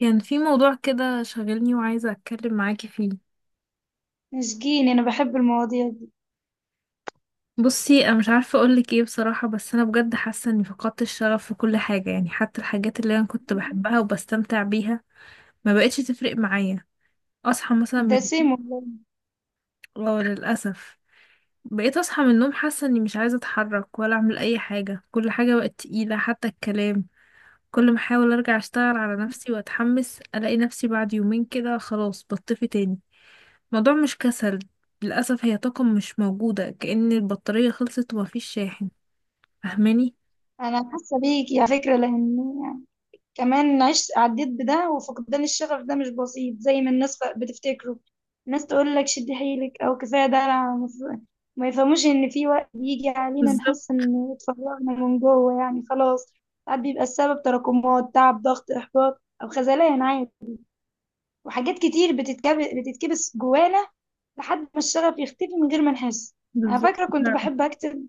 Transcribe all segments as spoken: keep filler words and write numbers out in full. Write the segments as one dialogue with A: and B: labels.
A: كان في موضوع كده شاغلني وعايزة أتكلم معاكي فيه.
B: مسكين، انا بحب المواضيع دي.
A: بصي، أنا مش عارفة أقولك إيه بصراحة، بس أنا بجد حاسة إني فقدت الشغف في كل حاجة، يعني حتى الحاجات اللي أنا كنت بحبها وبستمتع بيها ما بقتش تفرق معايا. أصحى مثلا
B: ده
A: من...
B: سيم والله.
A: اه، للأسف، بقيت أصحى من النوم حاسة إني مش عايزة أتحرك ولا أعمل أي حاجة، كل حاجة بقت تقيلة حتى الكلام. كل ما أحاول أرجع أشتغل على نفسي وأتحمس، ألاقي نفسي بعد يومين كده خلاص بطفي تاني. الموضوع مش كسل، للأسف هي طاقة مش موجودة، كأن البطارية خلصت ومفيش شاحن. فاهماني؟
B: انا حاسه بيك على فكره، لان يعني كمان عشت عديت بده. وفقدان الشغف ده مش بسيط زي ما الناس ف- بتفتكره. الناس تقول لك شد حيلك او كفايه ده، أنا مف- ما يفهموش ان في وقت بيجي علينا
A: بالظبط.
B: نحس ان اتفرغنا من جوه يعني خلاص. ساعات بيبقى السبب تراكمات تعب ضغط احباط او خذلان عادي، وحاجات كتير بتتكب... بتتكبس جوانا لحد ما الشغف يختفي من غير ما نحس. انا
A: بالظبط
B: فاكره كنت
A: فعلا.
B: بحب اكتب،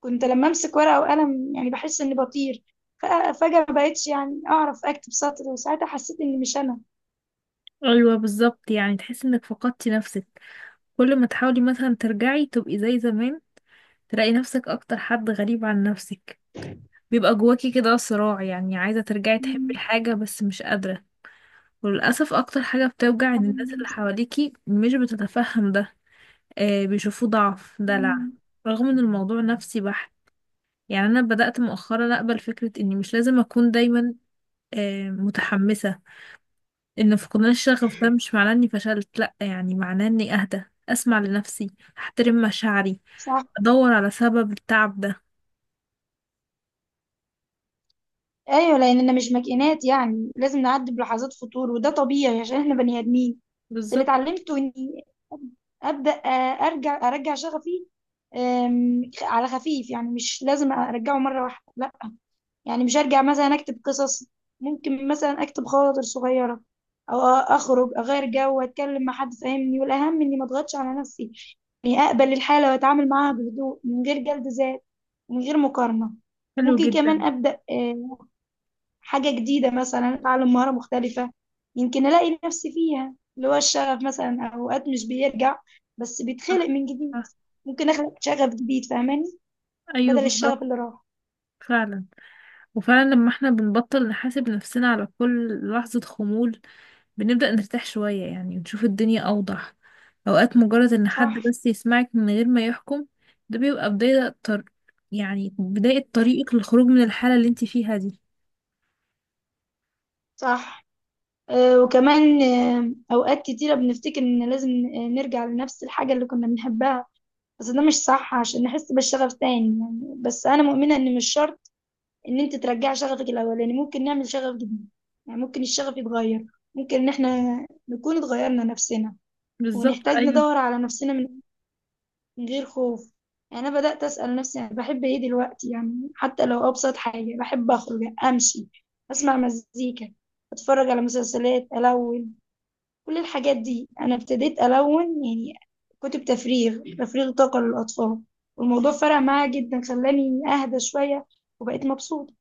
B: كنت لما امسك ورقه وقلم يعني بحس اني بطير. فأ- فجاه ما بقتش يعني اعرف اكتب سطر، وساعتها حسيت اني مش انا.
A: ايوه بالظبط، يعني تحس انك فقدتي نفسك. كل ما تحاولي مثلا ترجعي تبقي زي زمان، تلاقي نفسك اكتر حد غريب عن نفسك. بيبقى جواكي كده صراع، يعني عايزة ترجعي تحبي
B: مم.
A: حاجة بس مش قادرة. وللأسف أكتر حاجة بتوجع إن الناس اللي حواليكي مش بتتفهم ده، آه، بيشوفوه ضعف، دلع،
B: مم.
A: رغم إن الموضوع نفسي بحت. يعني انا بدأت مؤخرا اقبل فكرة اني مش لازم اكون دايما آه، متحمسة. ان فقدان الشغف ده مش معناه اني فشلت، لا، يعني معناه اني اهدى، اسمع لنفسي، احترم مشاعري،
B: صح.
A: ادور على سبب التعب ده.
B: ايوه لاننا مش ماكينات يعني لازم نعدي بلحظات فتور وده طبيعي عشان احنا بني ادمين. بس اللي
A: بالظبط.
B: اتعلمته اني ابدا آه، ارجع ارجع شغفي آم، على خفيف، يعني مش لازم ارجعه مره واحده لا. يعني مش هرجع مثلا اكتب قصص، ممكن مثلا اكتب خواطر صغيرة او اخرج اغير جو واتكلم مع حد فاهمني، والاهم اني ما اضغطش على نفسي، اني اقبل الحالة واتعامل معاها بهدوء من غير جلد ذات ومن غير مقارنة.
A: حلو
B: ممكن كمان
A: جدا.
B: ابدا آه، حاجة جديدة، مثلا اتعلم مهارة مختلفة، يمكن الاقي نفسي فيها. اللي هو الشغف مثلا اوقات مش بيرجع بس
A: صح.
B: بيتخلق من جديد.
A: صح.
B: ممكن اخلق شغف جديد فاهماني،
A: ايوه
B: بدل الشغف
A: بالظبط
B: اللي راح.
A: فعلا. وفعلا لما احنا بنبطل نحاسب نفسنا على كل لحظة خمول، بنبدأ نرتاح شوية يعني، ونشوف الدنيا أوضح. أوقات مجرد إن حد
B: صح.
A: بس يسمعك من غير ما يحكم، ده بيبقى بداية طر... يعني بداية طريقك للخروج من الحالة اللي انت فيها دي.
B: صح. آه، وكمان آه، أوقات كتيرة بنفتكر إن لازم آه، نرجع لنفس الحاجة اللي كنا بنحبها، بس ده مش صح عشان نحس بالشغف تاني. يعني بس أنا مؤمنة إن مش شرط إن أنت ترجع شغفك الأولاني، ممكن نعمل شغف جديد. يعني ممكن الشغف يتغير، ممكن إن إحنا نكون اتغيرنا نفسنا
A: بالظبط،
B: ونحتاج
A: أيوة.
B: ندور على نفسنا من من غير خوف. يعني أنا بدأت أسأل نفسي أنا بحب إيه دلوقتي، يعني حتى لو أبسط حاجة. بحب أخرج أمشي، أسمع مزيكا، أتفرج على مسلسلات ألون. كل الحاجات دي انا ابتديت الون يعني. كتب تفريغ تفريغ طاقة للاطفال، والموضوع فرق معايا جدا، خلاني اهدى شوية وبقيت مبسوطة.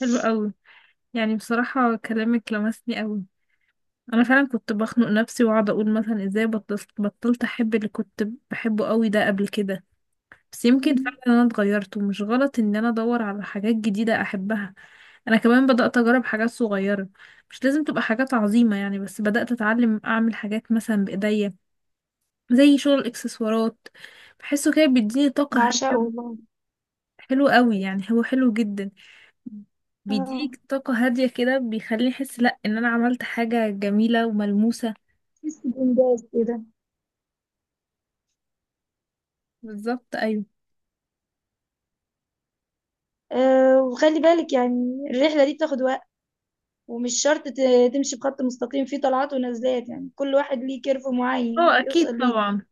A: حلو أوي. يعني بصراحة كلامك لمسني أوي. أنا فعلا كنت بخنق نفسي وأقعد أقول مثلا إزاي بطلت بطلت أحب اللي كنت بحبه أوي ده قبل كده، بس يمكن
B: مم.
A: فعلا انا اتغيرت، ومش غلط ان انا ادور على حاجات جديدة احبها. انا كمان بدأت اجرب حاجات صغيرة، مش لازم تبقى حاجات عظيمة يعني، بس بدأت اتعلم اعمل حاجات مثلا بايديا، زي شغل الاكسسوارات، بحسه كده بيديني طاقة
B: بعشقه
A: هادية.
B: والله.
A: حلو قوي، يعني هو حلو جدا،
B: اه،
A: بيديك طاقة هادية كده، بيخليني احس لا ان انا عملت حاجة جميلة وملموسة.
B: بحس بإنجاز كده.
A: بالظبط، ايوه.
B: أه وخلي بالك يعني الرحلة دي بتاخد وقت، ومش شرط ت- تمشي بخط مستقيم، فيه طلعات ونزلات يعني كل واحد ليه كيرف معين
A: اه، اكيد
B: يوصل ليه.
A: طبعا.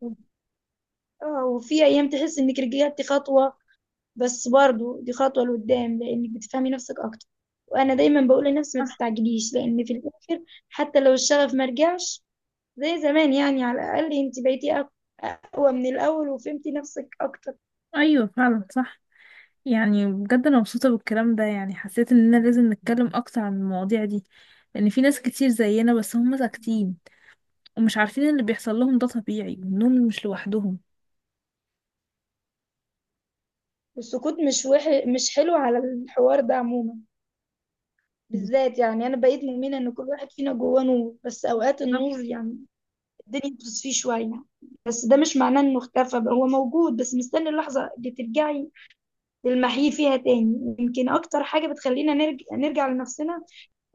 B: آه، وفي أيام تحس إنك رجعتي خطوة، بس برضو دي خطوة لقدام لأنك بتفهمي نفسك أكتر. وأنا دايما بقول لنفسي ما
A: صح.
B: تستعجليش، لأن في الآخر حتى لو الشغف ما رجعش زي زمان، يعني على الأقل أنت بقيتي أق- أقوى من الأول وفهمتي نفسك أكتر.
A: ايوه فعلا صح. يعني بجد انا مبسوطه بالكلام ده، يعني حسيت اننا لازم نتكلم اكتر عن المواضيع دي، لان في ناس كتير زينا بس هم ساكتين ومش عارفين إن اللي بيحصل لهم ده طبيعي وانهم مش لوحدهم.
B: والسكوت مش وح... مش حلو على الحوار ده عموما. بالذات يعني أنا بقيت مؤمنة إن كل واحد فينا جواه نور، بس أوقات
A: بالظبط.
B: النور يعني الدنيا بتصفيه شوية، بس ده مش معناه إنه اختفى، بقى هو موجود بس مستني اللحظة اللي ترجعي نلمحيه فيها تاني. يمكن أكتر حاجة بتخلينا نرجع, نرجع لنفسنا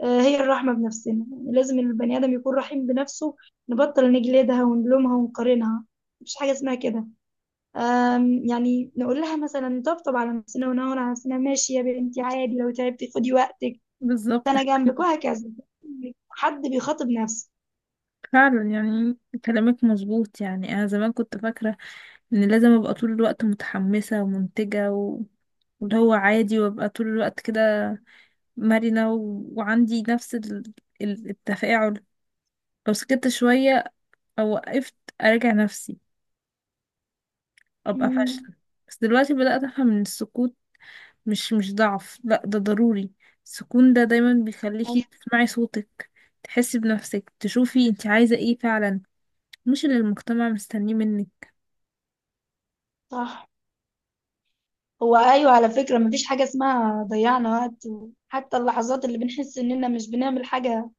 B: آه، هي الرحمة بنفسنا. يعني لازم البني آدم يكون رحيم بنفسه، نبطل نجلدها ونلومها ونقارنها، مفيش حاجة اسمها كده. آم، يعني نقول لها مثلا، طبطب على نفسنا ونهون على نفسنا، ماشي يا بنتي عادي لو تعبتي خدي وقتك،
A: بالظبط
B: أنا جنبك وهكذا. حد بيخاطب نفسه.
A: فعلا. يعني كلامك مظبوط، يعني انا زمان كنت فاكره ان لازم ابقى طول الوقت متحمسه ومنتجه و... واللي هو عادي، وابقى طول الوقت كده مرنة و... وعندي نفس ال... ال- التفاعل. لو سكت شوية أو وقفت أراجع نفسي، ابقى
B: مم،
A: فاشله. بس دلوقتي بدأت افهم ان السكوت مش مش ضعف، لا ده ضروري. السكون ده دايما بيخليكي
B: أيوة
A: تسمعي صوتك، تحسي بنفسك، تشوفي انت عايزة ايه فعلا، مش اللي المجتمع مستنيه منك.
B: صح. هو أيوة على فكرة، مفيش حاجة اسمها ضيعنا وقت، حتى اللحظات اللي بنحس إننا مش بنعمل حاجة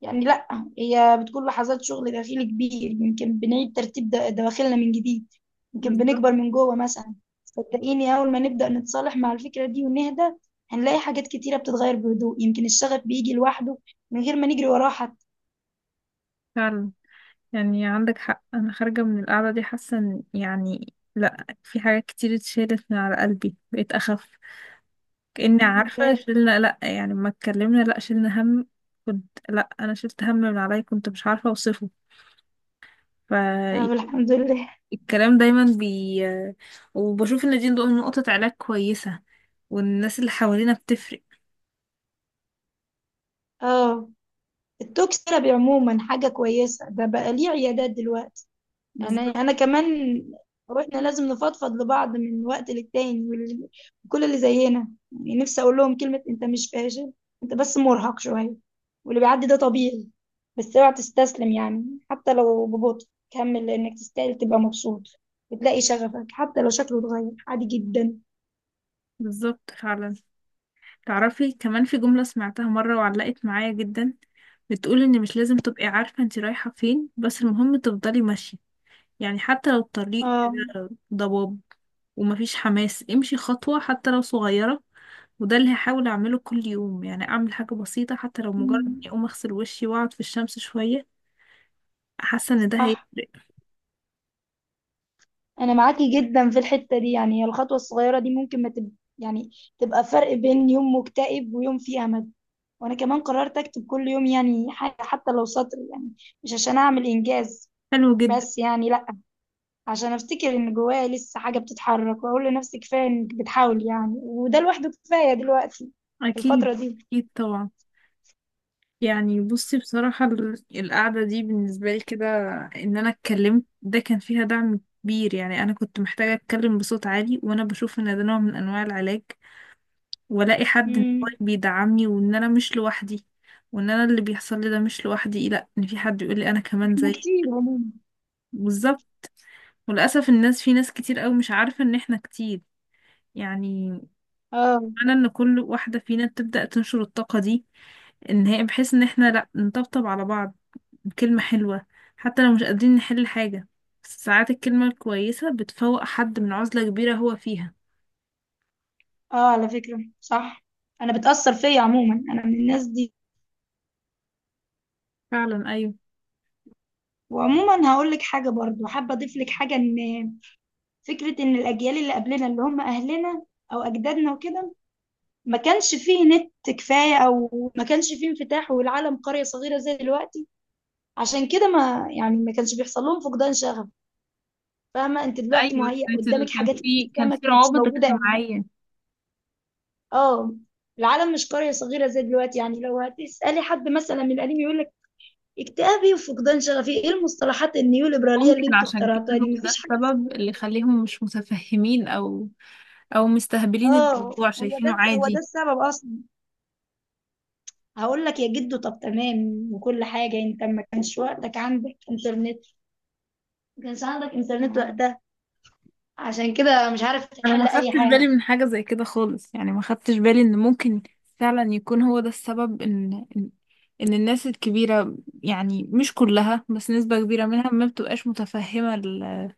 B: يعني، لا هي بتكون لحظات شغل داخلي كبير، يمكن بنعيد ترتيب د- دواخلنا من جديد، يمكن
A: بالظبط
B: بنكبر من جوه مثلا. صدقيني، أول ما نبدأ نتصالح مع الفكرة دي ونهدى، هنلاقي حاجات كتيرة بتتغير بهدوء، يمكن الشغف بيجي لوحده من غير ما نجري وراه حتى.
A: فعلا. يعني عندك حق، انا خارجه من القعده دي حاسه إن- يعني لا، في حاجات كتير اتشالت من على قلبي، بقيت اخف، كاني
B: الحمد
A: عارفه
B: لله.
A: شلنا، لا يعني ما اتكلمنا، لا شلنا هم، كنت لا، انا شلت هم من عليا، كنت مش عارفه اوصفه. ف
B: طب الحمد لله.
A: الكلام دايما بي وبشوف ان دي نقطة علاج كويسة، والناس اللي حوالينا بتفرق.
B: اه، التوك ثيرابي عموما حاجة كويسة، ده بقى ليه عيادات دلوقتي. يعني
A: بالظبط.
B: انا كمان، واحنا لازم نفضفض لبعض من وقت للتاني وال- وكل اللي زينا، يعني نفسي اقول لهم كلمة، انت مش فاشل، انت بس مرهق شوية، واللي بيعدي ده طبيعي، بس اوعى تستسلم. يعني حتى لو ببطء كمل، لانك تستاهل تبقى مبسوط، وتلاقي شغفك حتى لو شكله اتغير، عادي جدا.
A: بالظبط فعلا. تعرفي كمان في جملة سمعتها مرة وعلقت معايا جدا، بتقول ان مش لازم تبقي عارفة انت رايحة فين، بس المهم تفضلي ماشية، يعني حتى لو الطريق
B: اه.
A: كده ضباب ومفيش حماس، امشي خطوة حتى لو صغيرة. وده اللي هحاول اعمله كل يوم، يعني اعمل حاجة بسيطة حتى لو مجرد اني
B: أمم،
A: اقوم اغسل وشي واقعد في الشمس شوية، حاسة ان ده
B: صح.
A: هيفرق.
B: انا معاكي جدا في الحتة دي، يعني الخطوة الصغيرة دي ممكن ما تب... يعني تبقى فرق بين يوم مكتئب ويوم فيه امل. وانا كمان قررت اكتب كل يوم، يعني حاجة حتى لو سطر، يعني مش عشان اعمل انجاز،
A: حلو جدا.
B: بس يعني لا، عشان افتكر ان جوايا لسه حاجة بتتحرك، واقول لنفسي كفاية انك بتحاول يعني، وده لوحده كفاية دلوقتي في
A: أكيد.
B: الفترة دي.
A: أكيد طبعا. يعني بصي بصراحة ال- القعدة دي بالنسبة لي كده، إن أنا اتكلمت ده كان فيها دعم كبير، يعني أنا كنت محتاجة أتكلم بصوت عالي، وأنا بشوف إن ده نوع من أنواع العلاج، وألاقي حد إن هو
B: امم
A: بيدعمني وإن أنا مش لوحدي، وإن أنا اللي بيحصل لي ده مش لوحدي، لأ، إن في حد يقول لي أنا كمان
B: احنا
A: زيك.
B: كتير عموما.
A: بالظبط. وللأسف الناس، في ناس كتير أوي مش عارفة إن إحنا كتير. يعني
B: اه.
A: أنا إن كل واحدة فينا تبدأ تنشر الطاقة دي، إن هي بحيث إن إحنا لأ نطبطب على بعض، كلمة حلوة، حتى لو مش قادرين نحل حاجة، بس ساعات الكلمة الكويسة بتفوق حد من عزلة كبيرة هو فيها.
B: اه على فكرة صح، انا بتأثر فيا عموما، انا من الناس دي.
A: فعلا أيوه.
B: وعموما هقول لك حاجة برضو، حابة اضيف لك حاجة، ان فكرة ان الاجيال اللي قبلنا اللي هم اهلنا او اجدادنا وكده، ما كانش فيه نت كفاية أو ما كانش فيه انفتاح والعالم قرية صغيرة زي دلوقتي، عشان كده ما يعني، ما كانش بيحصل لهم فقدان شغف. فاهمة، أنت دلوقتي
A: ايوه
B: مهيأ
A: كانت ال-
B: قدامك
A: كان
B: حاجات
A: في
B: لسه
A: كان
B: ما
A: في
B: كانتش
A: روابط
B: موجودة يعني.
A: اجتماعيه.
B: اه، العالم مش قرية صغيرة زي دلوقتي، يعني لو هتسألي حد مثلا من القديم يقول لك اكتئابي وفقدان شغفي ايه المصطلحات النيوليبرالية اللي
A: ممكن
B: انتوا
A: عشان كده
B: اخترعتوها
A: هو
B: دي،
A: ده
B: مفيش حاجة اسمها
A: السبب اللي
B: كده.
A: يخليهم مش متفهمين، او او مستهبلين
B: اه
A: الموضوع
B: هو ده
A: شايفينه
B: هو ده
A: عادي.
B: السبب اصلا. هقول لك يا جدو، طب تمام وكل حاجة انت ما كانش وقتك عندك انترنت، ما كانش عندك انترنت وقتها، عشان كده مش عارف
A: انا ما
B: تحل اي
A: خدتش
B: حاجه.
A: بالي من حاجة زي كده خالص، يعني ما خدتش بالي ان ممكن فعلا يكون هو ده السبب ان ان إن الناس الكبيرة، يعني مش كلها بس نسبة كبيرة منها ما بتبقاش متفهمة ال-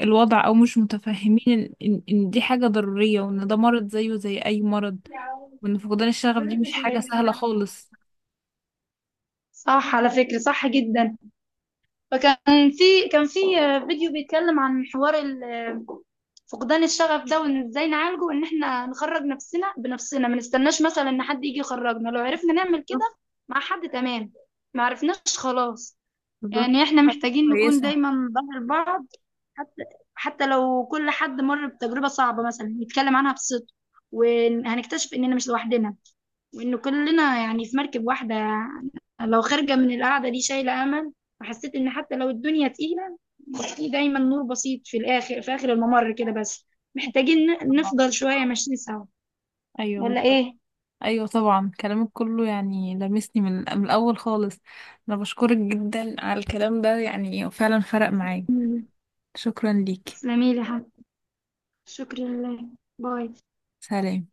A: الوضع، او مش متفهمين ان ان إن دي حاجة ضرورية، وان ده مرض زيه زي اي مرض، وان فقدان الشغف دي مش حاجة سهلة خالص.
B: صح على فكرة، صح جدا. فكان في كان في فيديو بيتكلم عن حوار ال- فقدان الشغف ده وان ازاي نعالجه، ان احنا نخرج نفسنا بنفسنا، ما نستناش مثلا ان حد يجي يخرجنا لو عرفنا نعمل
A: بالظبط.
B: كده، مع حد تمام. ما عرفناش خلاص.
A: بالظبط.
B: يعني احنا
A: حاجة
B: محتاجين نكون
A: كويسة.
B: دايما ظهر بعض. حتى حتى لو كل حد مر بتجربة صعبة مثلا يتكلم عنها بصدق، وهنكتشف إننا مش لوحدنا، وإن كلنا يعني في مركب واحدة. لو خارجة من القعدة دي شايلة أمل، وحسيت إن حتى لو الدنيا تقيلة في دايما نور بسيط في الآخر، في آخر الممر كده. بس محتاجين ن-
A: طبعا.
B: نفضل شوية ماشيين سوا.
A: ايوه
B: ولا
A: بالظبط.
B: إيه؟
A: ايوه طبعا، كلامك كله يعني لمسني من من الاول خالص. انا بشكرك جدا على الكلام ده، يعني فعلا فرق معايا.
B: تسلميلي.
A: شكرا ليك.
B: تسلميلي يا حبيبي. شكرا لله. باي.
A: سلام.